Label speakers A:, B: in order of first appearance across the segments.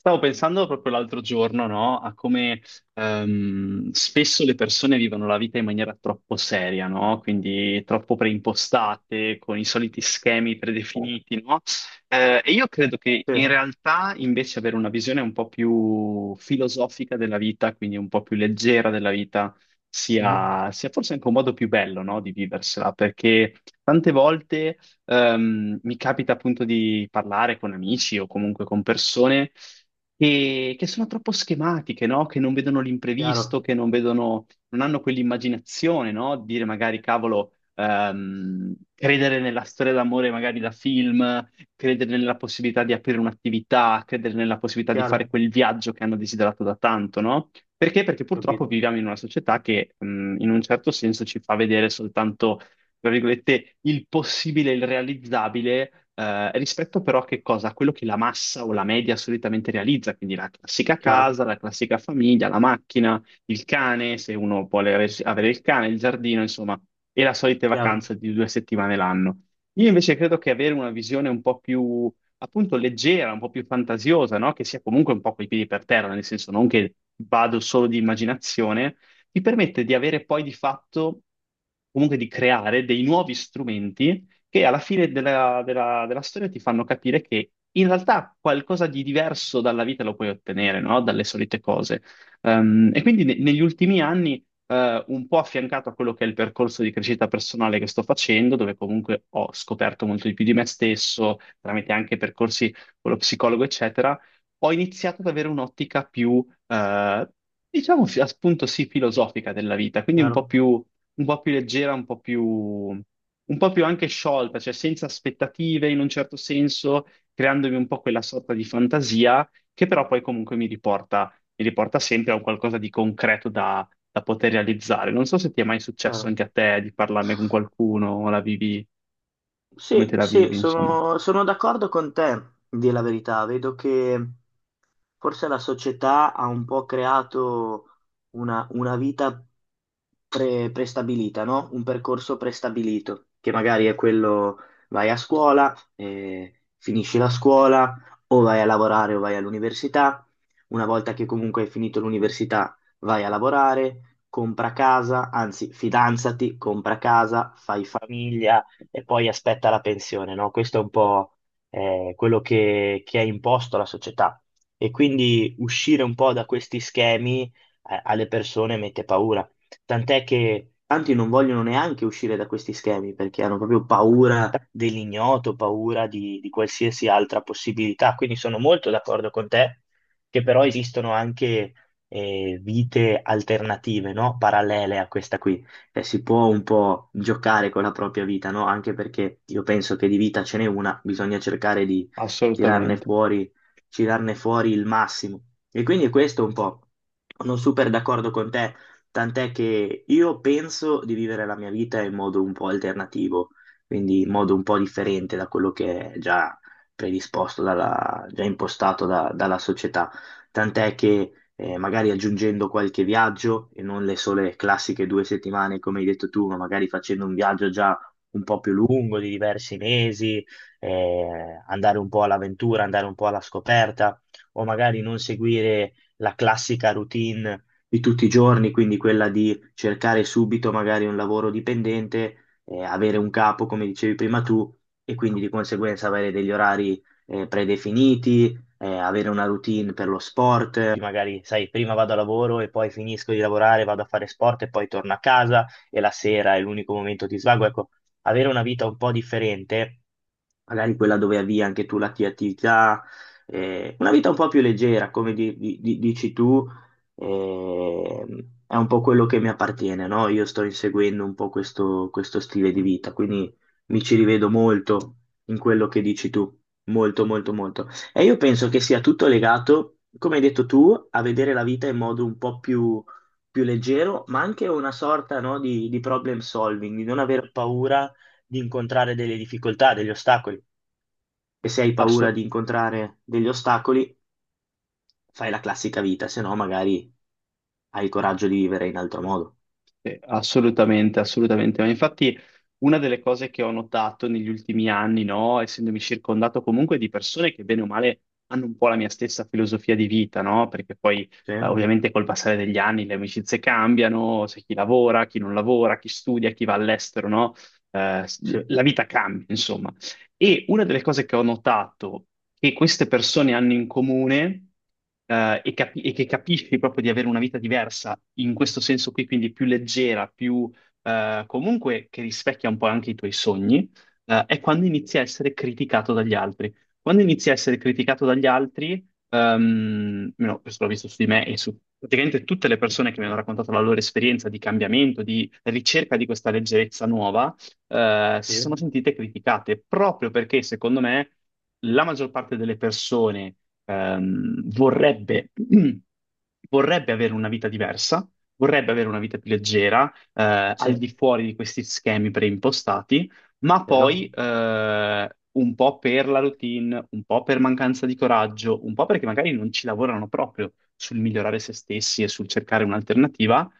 A: Stavo pensando proprio l'altro giorno, no, a come spesso le persone vivono la vita in maniera troppo seria, no? Quindi troppo preimpostate, con i soliti schemi predefiniti, no? E io credo che
B: Sì.
A: in realtà invece avere una visione un po' più filosofica della vita, quindi un po' più leggera della vita,
B: Mhm.
A: sia forse anche un modo più bello, no, di viversela, perché tante volte mi capita appunto di parlare con amici o comunque con persone che sono troppo schematiche, no? Che non vedono
B: Chiaro.
A: l'imprevisto, che non vedono, non hanno quell'immaginazione, no? Dire magari, cavolo, credere nella storia d'amore magari da film, credere nella possibilità di aprire un'attività, credere nella possibilità di
B: Chiaro.
A: fare quel viaggio che hanno desiderato da tanto, no? Perché? Perché purtroppo
B: Capito.
A: viviamo in una società che, in un certo senso ci fa vedere soltanto tra virgolette, il possibile, il realizzabile, rispetto però a che cosa? A quello che la massa o la media solitamente realizza, quindi la classica
B: Chiaro.
A: casa, la classica famiglia, la macchina, il cane, se uno vuole avere il cane, il giardino, insomma, e la solita
B: Chiaro.
A: vacanza di 2 settimane l'anno. Io invece credo che avere una visione un po' più, appunto, leggera, un po' più fantasiosa, no? Che sia comunque un po' coi piedi per terra, nel senso non che vado solo di immaginazione, ti permette di avere poi di fatto, comunque di creare dei nuovi strumenti che alla fine della storia ti fanno capire che in realtà qualcosa di diverso dalla vita lo puoi ottenere, no? Dalle solite cose. E quindi negli ultimi anni un po' affiancato a quello che è il percorso di crescita personale che sto facendo, dove comunque ho scoperto molto di più di me stesso, tramite anche percorsi con lo psicologo, eccetera, ho iniziato ad avere un'ottica più eh, diciamo appunto sì, filosofica della vita, quindi
B: Chiaro.
A: un po' più leggera, un po' più anche sciolta, cioè senza aspettative in un certo senso, creandomi un po' quella sorta di fantasia che però poi comunque mi riporta sempre a un qualcosa di concreto da, da poter realizzare. Non so se ti è mai successo
B: Chiaro.
A: anche a te di parlarne con qualcuno o la vivi come te
B: Sì,
A: la
B: sì,
A: vivi, insomma.
B: sono d'accordo con te, di la verità. Vedo che forse la società ha un po' creato una vita prestabilita, no? Un percorso prestabilito, che magari è quello: vai a scuola, finisci la scuola, o vai a lavorare o vai all'università. Una volta che comunque hai finito l'università, vai a lavorare, compra casa, anzi, fidanzati, compra casa, fai famiglia e poi aspetta la pensione, no? Questo è un po' quello che è imposto alla società. E quindi uscire un po' da questi schemi alle persone mette paura. Tant'è che tanti non vogliono neanche uscire da questi schemi perché hanno proprio paura dell'ignoto, paura di qualsiasi altra possibilità. Quindi sono molto d'accordo con te che però esistono anche vite alternative, no? Parallele a questa qui si può un po' giocare con la propria vita, no? Anche perché io penso che di vita ce n'è una, bisogna cercare di tirarne
A: Assolutamente.
B: fuori, tirarne fuori il massimo. E quindi questo è un po', sono super d'accordo con te, tant'è che io penso di vivere la mia vita in modo un po' alternativo, quindi in modo un po' differente da quello che è già predisposto, già impostato dalla società. Tant'è che magari aggiungendo qualche viaggio e non le sole classiche 2 settimane, come hai detto tu, ma magari facendo un viaggio già un po' più lungo, di diversi mesi, andare un po' all'avventura, andare un po' alla scoperta, o magari non seguire la classica routine di tutti i giorni, quindi quella di cercare subito magari un lavoro dipendente, avere un capo, come dicevi prima tu, e quindi di conseguenza avere degli orari predefiniti, avere una routine per lo sport, magari sai, prima vado a lavoro e poi finisco di lavorare, vado a fare sport e poi torno a casa e la sera è l'unico momento di svago. Ecco, avere una vita un po' differente, magari quella dove avvii anche tu la tua attività, una vita un po' più leggera, come dici tu, eh, è un po' quello che mi appartiene, no? Io sto inseguendo un po' questo stile di vita, quindi mi ci rivedo molto in quello che dici tu, molto, molto, molto. E io penso che sia tutto legato, come hai detto tu, a vedere la vita in modo un po' più leggero, ma anche una sorta, no, di problem solving, di non aver paura di incontrare delle difficoltà, degli ostacoli, e se hai paura di incontrare degli ostacoli, fai la classica vita, se no magari hai il coraggio di vivere in altro modo.
A: Assolutamente, assolutamente. Ma infatti una delle cose che ho notato negli ultimi anni, no, essendomi circondato comunque di persone che bene o male hanno un po' la mia stessa filosofia di vita, no? Perché poi
B: Sì,
A: ovviamente col passare degli anni le amicizie cambiano, c'è chi lavora, chi non lavora, chi studia, chi va all'estero, no?
B: sì,
A: La vita cambia, insomma. E una delle cose che ho notato che queste persone hanno in comune, e, che capisci proprio di avere una vita diversa in questo senso qui, quindi più leggera, più comunque che rispecchia un po' anche i tuoi sogni, è quando inizi a essere criticato dagli altri. Quando inizi a essere criticato dagli altri, almeno questo l'ho visto su di me e su praticamente tutte le persone che mi hanno raccontato la loro esperienza di cambiamento, di ricerca di questa leggerezza nuova
B: sì,
A: si sono sentite criticate proprio perché, secondo me, la maggior parte delle persone vorrebbe, vorrebbe avere una vita diversa, vorrebbe avere una vita più leggera, al
B: sì.
A: di fuori di questi schemi preimpostati, ma poi
B: Vero?
A: un po' per la routine, un po' per mancanza di coraggio, un po' perché magari non ci lavorano proprio sul migliorare se stessi e sul cercare un'alternativa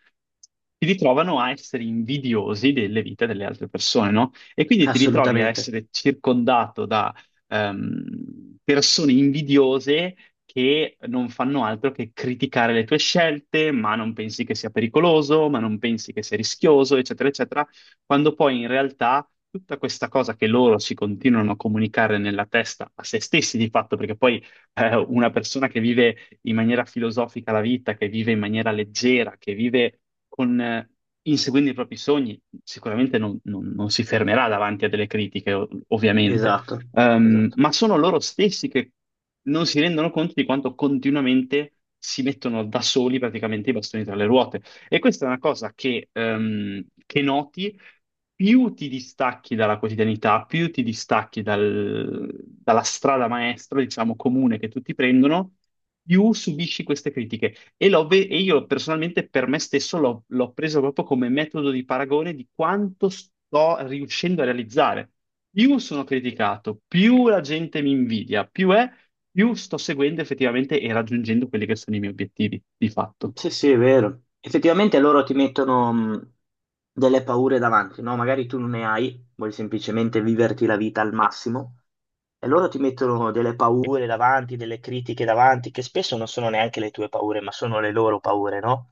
A: ti ritrovano a essere invidiosi delle vite delle altre persone, no? E quindi ti ritrovi a
B: Assolutamente.
A: essere circondato da persone invidiose che non fanno altro che criticare le tue scelte, ma non pensi che sia pericoloso, ma non pensi che sia rischioso, eccetera, eccetera, quando poi in realtà tutta questa cosa che loro si continuano a comunicare nella testa a se stessi di fatto, perché poi una persona che vive in maniera filosofica la vita, che vive in maniera leggera, che vive con, inseguendo i propri sogni, sicuramente non, non si fermerà davanti a delle critiche, ovviamente.
B: Esatto, esatto.
A: Ma sono loro stessi che non si rendono conto di quanto continuamente si mettono da soli praticamente i bastoni tra le ruote. E questa è una cosa che noti più ti distacchi dalla quotidianità, più ti distacchi dalla strada maestra, diciamo, comune che tutti prendono, più subisci queste critiche. E, io personalmente per me stesso l'ho preso proprio come metodo di paragone di quanto sto riuscendo a realizzare. Più sono criticato, più la gente mi invidia, più sto seguendo effettivamente e raggiungendo quelli che sono i miei obiettivi, di fatto,
B: Sì, sì, è vero. Effettivamente loro ti mettono delle paure davanti, no? Magari tu non ne hai, vuoi semplicemente viverti la vita al massimo. E loro ti mettono delle paure davanti, delle critiche davanti, che spesso non sono neanche le tue paure, ma sono le loro paure, no?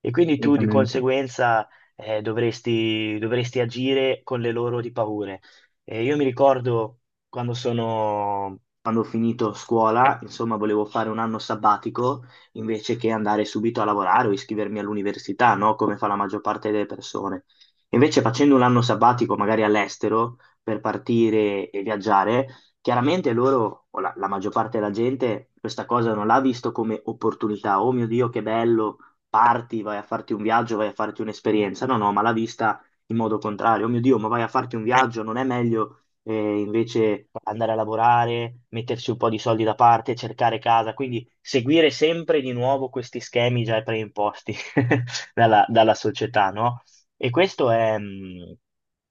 B: E quindi tu di
A: assolutamente.
B: conseguenza dovresti agire con le loro di paure. E io mi ricordo, quando ho finito scuola, insomma, volevo fare un anno sabbatico invece che andare subito a lavorare o iscrivermi all'università, no? Come fa la maggior parte delle persone. Invece facendo un anno sabbatico, magari all'estero, per partire e viaggiare. Chiaramente loro, o la maggior parte della gente, questa cosa non l'ha visto come opportunità. Oh mio Dio, che bello, parti, vai a farti un viaggio, vai a farti un'esperienza. No, no, ma l'ha vista in modo contrario. Oh mio Dio, ma vai a farti un viaggio, non è meglio invece andare a lavorare, mettersi un po' di soldi da parte, cercare casa? Quindi seguire sempre di nuovo questi schemi già preimposti dalla società, no? E questo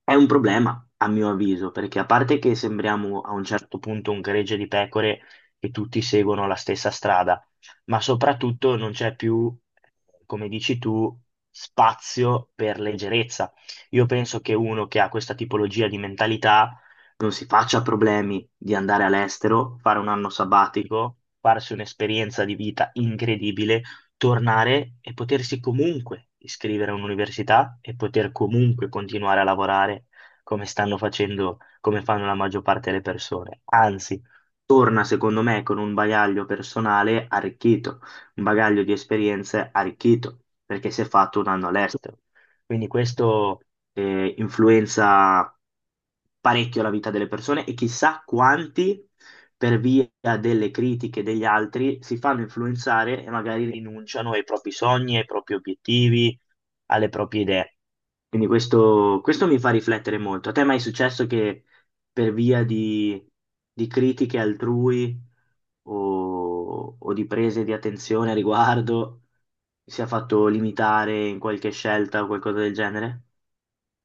B: è un problema, a mio avviso, perché a parte che sembriamo a un certo punto un gregge di pecore e tutti seguono la stessa strada, ma soprattutto non c'è più, come dici tu, spazio per leggerezza. Io penso che uno che ha questa tipologia di mentalità non si faccia problemi di andare all'estero, fare un anno sabbatico, farsi un'esperienza di vita incredibile, tornare e potersi comunque iscrivere a un'università e poter comunque continuare a lavorare come stanno facendo, come fanno la maggior parte delle persone. Anzi, torna secondo me con un bagaglio personale arricchito, un bagaglio di esperienze arricchito, perché si è fatto un anno all'estero. Quindi questo influenza parecchio la vita delle persone, e chissà quanti, per via delle critiche degli altri, si fanno influenzare e magari rinunciano ai propri sogni, ai propri obiettivi, alle proprie idee. Quindi questo mi fa riflettere molto. A te è mai successo che, per via di critiche altrui o di prese di attenzione a riguardo, sia fatto limitare in qualche scelta o qualcosa del genere?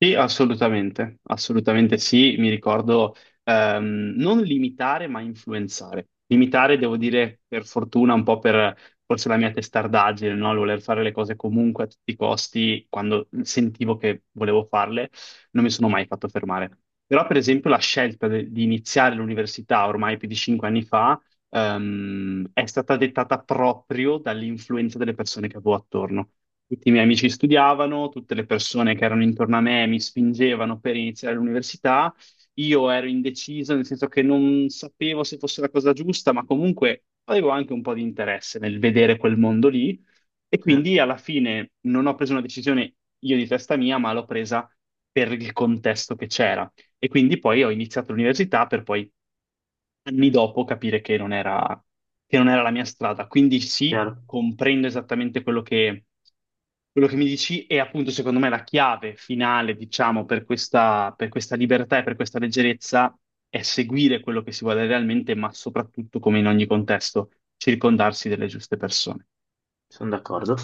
A: Sì, assolutamente, assolutamente sì, mi ricordo non limitare ma influenzare. Limitare, devo dire, per fortuna, un po' per forse la mia testardaggine, no? Il voler fare le cose comunque a tutti i costi, quando sentivo che volevo farle, non mi sono mai fatto fermare. Però, per esempio, la scelta di iniziare l'università ormai più di 5 anni fa è stata dettata proprio dall'influenza delle persone che avevo attorno. Tutti i miei amici studiavano, tutte le persone che erano intorno a me mi spingevano per iniziare l'università. Io ero indeciso, nel senso che non sapevo se fosse la cosa giusta, ma comunque avevo anche un po' di interesse nel vedere quel mondo lì. E
B: Sì,
A: quindi alla fine non ho preso una decisione io di testa mia, ma l'ho presa per il contesto che c'era. E quindi poi ho iniziato l'università per poi anni dopo capire che non era la mia strada. Quindi sì,
B: chiaro,
A: comprendo esattamente quello che mi dici e appunto secondo me la chiave finale, diciamo, per questa libertà e per questa leggerezza è seguire quello che si vuole realmente, ma soprattutto, come in ogni contesto, circondarsi delle giuste persone.
B: sono d'accordo.